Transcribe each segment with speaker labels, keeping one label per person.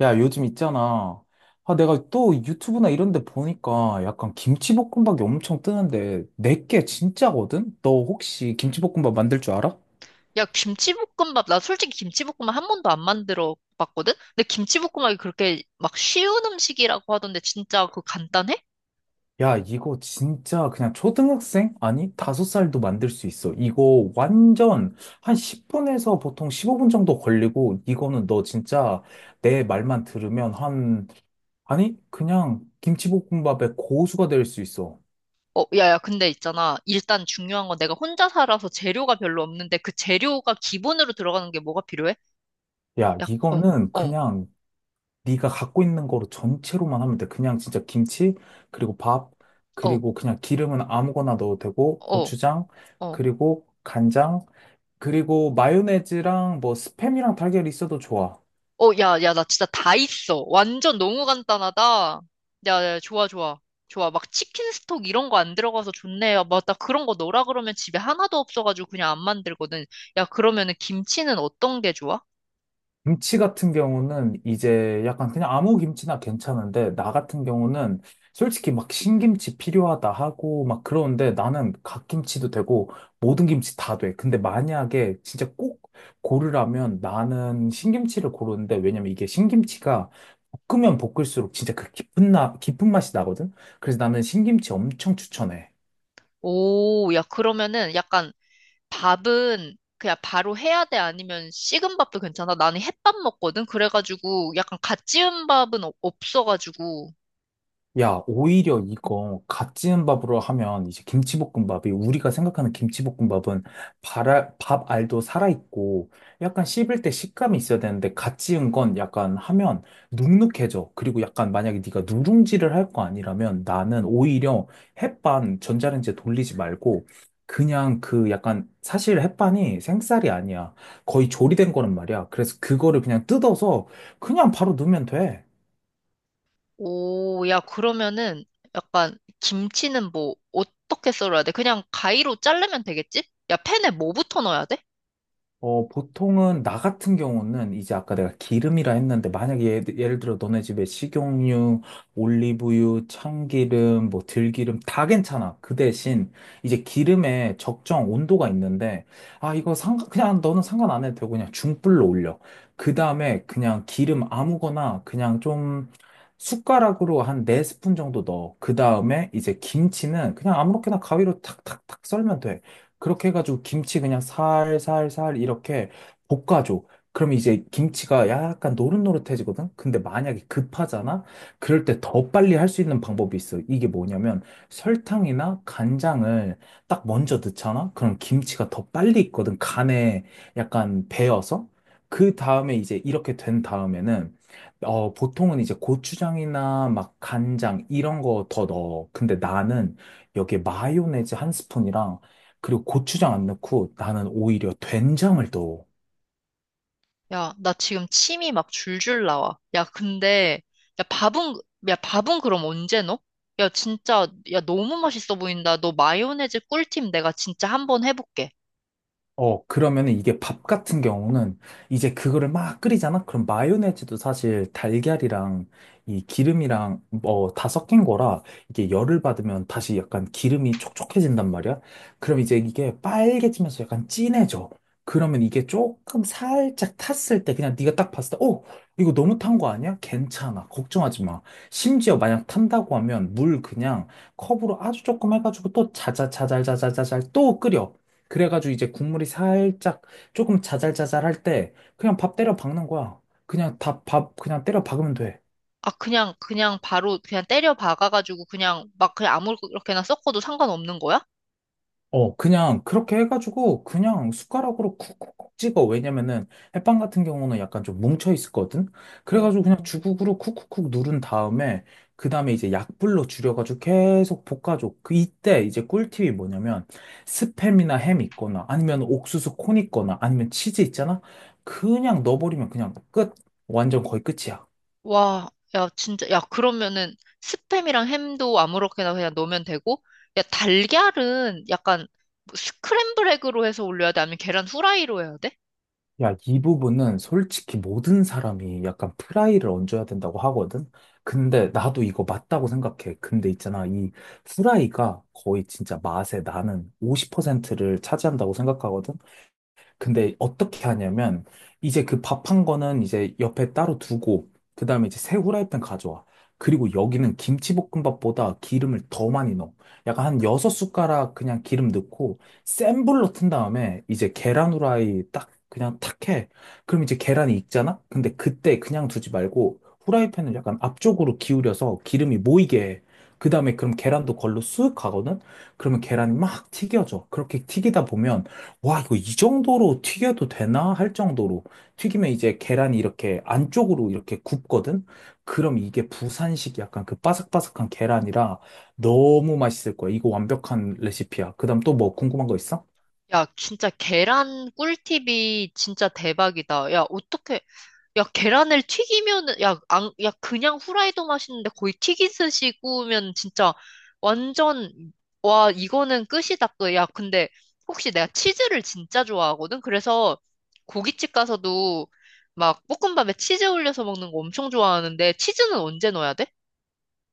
Speaker 1: 야, 요즘 있잖아. 아, 내가 또 유튜브나 이런 데 보니까 약간 김치볶음밥이 엄청 뜨는데 내게 진짜거든? 너 혹시 김치볶음밥 만들 줄 알아?
Speaker 2: 야, 김치볶음밥, 나 솔직히 김치볶음밥 한 번도 안 만들어 봤거든? 근데 김치볶음밥이 그렇게 막 쉬운 음식이라고 하던데 진짜 그거 간단해?
Speaker 1: 야, 이거 진짜 그냥 초등학생? 아니, 다섯 살도 만들 수 있어. 이거 완전 한 10분에서 보통 15분 정도 걸리고 이거는 너 진짜 내 말만 들으면 한 아니, 그냥 김치볶음밥의 고수가 될 수 있어.
Speaker 2: 어, 야, 야, 근데 있잖아. 일단 중요한 건 내가 혼자 살아서 재료가 별로 없는데 그 재료가 기본으로 들어가는 게 뭐가 필요해?
Speaker 1: 야,
Speaker 2: 야, 어,
Speaker 1: 이거는
Speaker 2: 어,
Speaker 1: 그냥 네가 갖고 있는 거로 전체로만 하면 돼. 그냥 진짜 김치, 그리고 밥,
Speaker 2: 어,
Speaker 1: 그리고 그냥 기름은 아무거나 넣어도 되고,
Speaker 2: 어,
Speaker 1: 고추장,
Speaker 2: 어.
Speaker 1: 그리고 간장, 그리고 마요네즈랑 뭐 스팸이랑 달걀이 있어도 좋아.
Speaker 2: 어, 야, 야, 나 진짜 다 있어. 완전 너무 간단하다. 야, 야, 좋아, 좋아. 좋아. 막 치킨 스톡 이런 거 안 들어가서 좋네요. 맞다. 그런 거 넣으라 그러면 집에 하나도 없어가지고 그냥 안 만들거든. 야, 그러면은 김치는 어떤 게 좋아?
Speaker 1: 김치 같은 경우는 이제 약간 그냥 아무 김치나 괜찮은데, 나 같은 경우는 솔직히 막 신김치 필요하다 하고 막 그러는데 나는 갓김치도 되고 모든 김치 다 돼. 근데 만약에 진짜 꼭 고르라면 나는 신김치를 고르는데 왜냐면 이게 신김치가 볶으면 볶을수록 진짜 그 깊은 맛이 나거든? 그래서 나는 신김치 엄청 추천해.
Speaker 2: 오, 야, 그러면은 약간 밥은 그냥 바로 해야 돼? 아니면 식은 밥도 괜찮아? 나는 햇밥 먹거든? 그래가지고 약간 갓 지은 밥은 없어가지고.
Speaker 1: 야, 오히려 이거 갓 지은 밥으로 하면 이제 김치볶음밥이 우리가 생각하는 김치볶음밥은 밥 알도 살아있고 약간 씹을 때 식감이 있어야 되는데 갓 지은 건 약간 하면 눅눅해져. 그리고 약간 만약에 네가 누룽지를 할 거 아니라면 나는 오히려 햇반 전자레인지에 돌리지 말고 그냥 그 약간 사실 햇반이 생쌀이 아니야. 거의 조리된 거란 말이야. 그래서 그거를 그냥 뜯어서 그냥 바로 넣으면 돼.
Speaker 2: 오, 야, 그러면은 약간 김치는 뭐 어떻게 썰어야 돼? 그냥 가위로 자르면 되겠지? 야, 팬에 뭐부터 넣어야 돼?
Speaker 1: 어, 보통은, 나 같은 경우는, 이제 아까 내가 기름이라 했는데, 만약에 예를 들어 너네 집에 식용유, 올리브유, 참기름, 뭐 들기름, 다 괜찮아. 그 대신, 이제 기름에 적정 온도가 있는데, 아, 그냥 너는 상관 안 해도 되고, 그냥 중불로 올려. 그 다음에 그냥 기름 아무거나, 그냥 좀, 숟가락으로 한 4스푼 정도 넣어. 그 다음에 이제 김치는 그냥 아무렇게나 가위로 탁탁탁 썰면 돼. 그렇게 해가지고 김치 그냥 살살살 이렇게 볶아줘. 그럼 이제 김치가 약간 노릇노릇해지거든? 근데 만약에 급하잖아? 그럴 때 더 빨리 할 수 있는 방법이 있어. 이게 뭐냐면 설탕이나 간장을 딱 먼저 넣잖아? 그럼 김치가 더 빨리 익거든. 간에 약간 배어서. 그 다음에 이제 이렇게 된 다음에는 어, 보통은 이제 고추장이나 막 간장 이런 거 더 넣어. 근데 나는 여기에 마요네즈 한 스푼이랑 그리고 고추장 안 넣고 나는 오히려 된장을 또
Speaker 2: 야, 나 지금 침이 막 줄줄 나와. 야, 근데 야, 밥은 야, 밥은 그럼 언제 넣어? 야, 진짜 야, 너무 맛있어 보인다. 너 마요네즈 꿀팁 내가 진짜 한 번 해볼게.
Speaker 1: 어, 그러면은 이게 밥 같은 경우는 이제 그거를 막 끓이잖아? 그럼 마요네즈도 사실 달걀이랑 이 기름이랑 뭐 다 섞인 거라 이게 열을 받으면 다시 약간 기름이 촉촉해진단 말이야? 그럼 이제 이게 빨개지면서 약간 진해져. 그러면 이게 조금 살짝 탔을 때 그냥 네가 딱 봤을 때, 어, 이거 너무 탄 거 아니야? 괜찮아. 걱정하지 마. 심지어 만약 탄다고 하면 물 그냥 컵으로 아주 조금 해가지고 또 자자자잘자자자잘 또 끓여. 그래가지고 이제 국물이 살짝 조금 자잘자잘할 때 그냥 밥 때려 박는 거야. 그냥 다 밥 그냥 때려 박으면 돼.
Speaker 2: 아, 그냥 바로 그냥 때려 박아가지고 그냥 막 그냥 아무렇게나 섞어도 상관없는 거야?
Speaker 1: 어, 그냥 그렇게 해가지고 그냥 숟가락으로 쿡쿡쿡 찍어. 왜냐면은 햇반 같은 경우는 약간 좀 뭉쳐 있었거든.
Speaker 2: 어.
Speaker 1: 그래가지고 그냥 주걱으로 쿡쿡쿡 누른 다음에 그 다음에 이제 약불로 줄여가지고 계속 볶아줘. 그 이때 이제 꿀팁이 뭐냐면 스팸이나 햄 있거나 아니면 옥수수 콘 있거나 아니면 치즈 있잖아. 그냥 넣어버리면 그냥 끝. 완전 거의 끝이야.
Speaker 2: 와, 야, 진짜, 야, 그러면은 스팸이랑 햄도 아무렇게나 그냥 넣으면 되고, 야, 달걀은 약간 뭐 스크램블 에그로 해서 올려야 돼? 아니면 계란 후라이로 해야 돼?
Speaker 1: 야, 이 부분은 솔직히 모든 사람이 약간 프라이를 얹어야 된다고 하거든? 근데 나도 이거 맞다고 생각해. 근데 있잖아, 이 프라이가 거의 진짜 맛의 나는 50%를 차지한다고 생각하거든? 근데 어떻게 하냐면 이제 그 밥한 거는 이제 옆에 따로 두고 그다음에 이제 새 후라이팬 가져와. 그리고 여기는 김치볶음밥보다 기름을 더 많이 넣어. 약간 한 여섯 숟가락 그냥 기름 넣고 센 불로 튼 다음에 이제 계란 후라이 딱 그냥 탁 해. 그럼 이제 계란이 익잖아? 근데 그때 그냥 두지 말고 후라이팬을 약간 앞쪽으로 기울여서 기름이 모이게 해. 그다음에 그럼 계란도 걸로 쑥 가거든? 그러면 계란이 막 튀겨져. 그렇게 튀기다 보면 와, 이거 이 정도로 튀겨도 되나? 할 정도로. 튀기면 이제 계란이 이렇게 안쪽으로 이렇게 굽거든? 그럼 이게 부산식 약간 그 바삭바삭한 계란이라 너무 맛있을 거야. 이거 완벽한 레시피야. 그 다음 또 뭐 궁금한 거 있어?
Speaker 2: 야, 진짜 계란 꿀팁이 진짜 대박이다. 야, 어떻게, 야, 계란을 튀기면은, 야, 안, 야, 그냥 후라이도 맛있는데 거의 튀기듯이 구우면 진짜 완전, 와, 이거는 끝이다 또. 야, 근데 혹시 내가 치즈를 진짜 좋아하거든? 그래서 고깃집 가서도 막 볶음밥에 치즈 올려서 먹는 거 엄청 좋아하는데 치즈는 언제 넣어야 돼?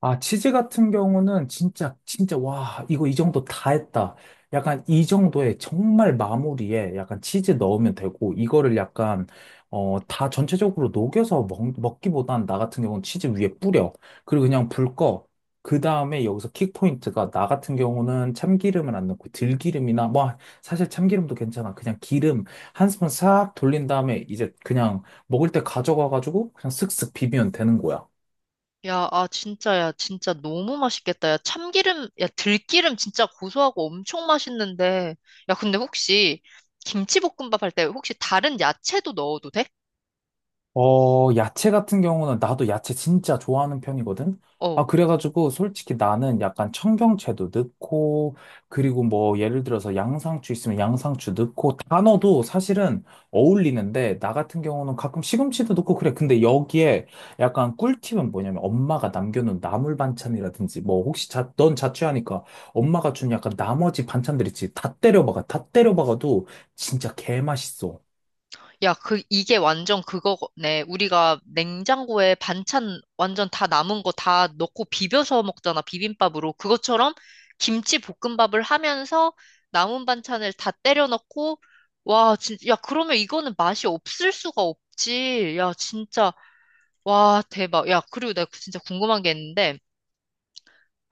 Speaker 1: 아, 치즈 같은 경우는 진짜, 진짜, 와, 이거 이 정도 다 했다. 약간 이 정도의 정말 마무리에 약간 치즈 넣으면 되고, 이거를 약간, 어, 다 전체적으로 녹여서 먹기보단 나 같은 경우는 치즈 위에 뿌려. 그리고 그냥 불 꺼. 그 다음에 여기서 킥포인트가 나 같은 경우는 참기름을 안 넣고 들기름이나, 뭐, 사실 참기름도 괜찮아. 그냥 기름 한 스푼 싹 돌린 다음에 이제 그냥 먹을 때 가져가가지고 그냥 슥슥 비비면 되는 거야.
Speaker 2: 야, 아, 진짜, 야, 진짜 너무 맛있겠다. 야, 참기름, 야, 들기름 진짜 고소하고 엄청 맛있는데. 야, 근데 혹시 김치볶음밥 할 때 혹시 다른 야채도 넣어도 돼?
Speaker 1: 어, 야채 같은 경우는 나도 야채 진짜 좋아하는 편이거든?
Speaker 2: 어,
Speaker 1: 아, 그래가지고 솔직히 나는 약간 청경채도 넣고, 그리고 뭐 예를 들어서 양상추 있으면 양상추 넣고, 단어도 사실은 어울리는데, 나 같은 경우는 가끔 시금치도 넣고 그래. 근데 여기에 약간 꿀팁은 뭐냐면 엄마가 남겨놓은 나물 반찬이라든지, 뭐 혹시 자, 넌 자취하니까 엄마가 준 약간 나머지 반찬들 있지. 다 때려박아. 다 때려박아도 진짜 개맛있어.
Speaker 2: 야, 그, 이게 완전 그거네. 우리가 냉장고에 반찬 완전 다 남은 거 다 넣고 비벼서 먹잖아, 비빔밥으로. 그것처럼 김치 볶음밥을 하면서 남은 반찬을 다 때려 넣고, 와, 진짜, 야, 그러면 이거는 맛이 없을 수가 없지. 야, 진짜, 와, 대박. 야, 그리고 내가 진짜 궁금한 게 있는데,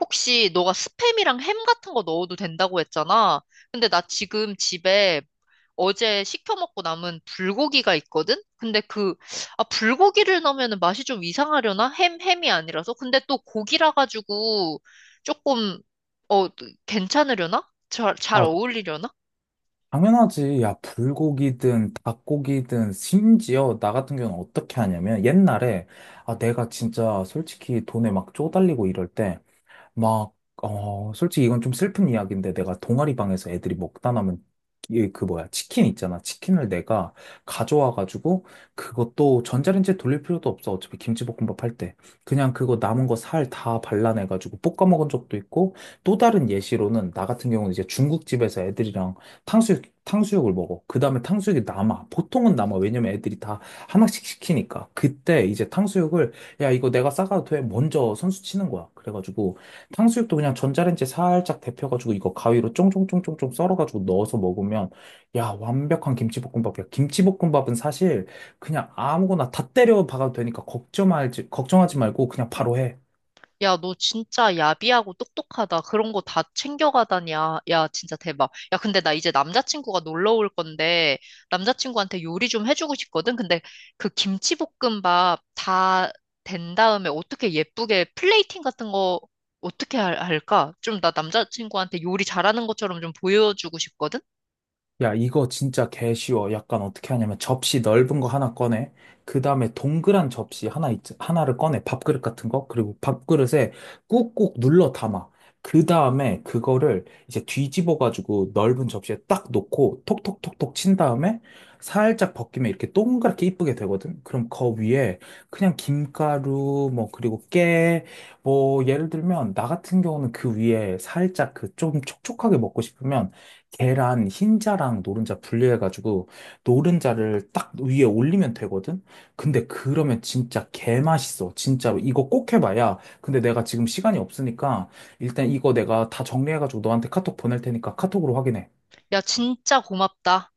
Speaker 2: 혹시 너가 스팸이랑 햄 같은 거 넣어도 된다고 했잖아. 근데 나 지금 집에 어제 시켜 먹고 남은 불고기가 있거든? 근데 그, 아, 불고기를 넣으면 맛이 좀 이상하려나? 햄, 햄이 아니라서? 근데 또 고기라 가지고 조금, 어, 괜찮으려나? 잘
Speaker 1: 아,
Speaker 2: 어울리려나?
Speaker 1: 당연하지. 야, 불고기든 닭고기든 심지어 나 같은 경우는 어떻게 하냐면 옛날에 아, 내가 진짜 솔직히 돈에 막 쪼달리고 이럴 때 막, 어, 솔직히 이건 좀 슬픈 이야기인데 내가 동아리 방에서 애들이 먹다 남은 그 뭐야, 치킨 있잖아. 치킨을 내가 가져와가지고 그것도 전자레인지에 돌릴 필요도 없어. 어차피 김치볶음밥 할 때. 그냥 그거 남은 거 살 다 발라내가지고 볶아 먹은 적도 있고 또 다른 예시로는 나 같은 경우는 이제 중국집에서 애들이랑 탕수육을 먹어. 그 다음에 탕수육이 남아. 보통은 남아. 왜냐면 애들이 다 하나씩 시키니까. 그때 이제 탕수육을 야, 이거 내가 싸가도 돼. 먼저 선수 치는 거야. 그래가지고 탕수육도 그냥 전자레인지에 살짝 데펴가지고 이거 가위로 쫑쫑쫑쫑쫑 썰어가지고 넣어서 먹으면 야, 완벽한 김치볶음밥이야. 김치볶음밥은 사실 그냥 아무거나 다 때려 박아도 되니까 걱정하지 말고 그냥 바로 해.
Speaker 2: 야, 너 진짜 야비하고 똑똑하다. 그런 거 다 챙겨가다냐. 야, 진짜 대박. 야, 근데 나 이제 남자친구가 놀러 올 건데, 남자친구한테 요리 좀 해주고 싶거든? 근데 그 김치볶음밥 다 된 다음에 어떻게 예쁘게 플레이팅 같은 거 어떻게 할까? 좀 나 남자친구한테 요리 잘하는 것처럼 좀 보여주고 싶거든?
Speaker 1: 야, 이거 진짜 개 쉬워. 약간 어떻게 하냐면 접시 넓은 거 하나 꺼내. 그 다음에 동그란 접시 하나를 꺼내. 밥그릇 같은 거. 그리고 밥그릇에 꾹꾹 눌러 담아. 그 다음에 그거를 이제 뒤집어가지고 넓은 접시에 딱 놓고 톡톡톡톡 친 다음에 살짝 벗기면 이렇게 동그랗게 이쁘게 되거든. 그럼 그 위에 그냥 김가루, 뭐, 그리고 깨, 뭐, 예를 들면 나 같은 경우는 그 위에 살짝 그 좀 촉촉하게 먹고 싶으면 계란 흰자랑 노른자 분리해가지고 노른자를 딱 위에 올리면 되거든? 근데 그러면 진짜 개맛있어. 진짜로. 이거 꼭 해봐야. 근데 내가 지금 시간이 없으니까 일단 이거 내가 다 정리해가지고 너한테 카톡 보낼 테니까 카톡으로 확인해.
Speaker 2: 야, 진짜 고맙다.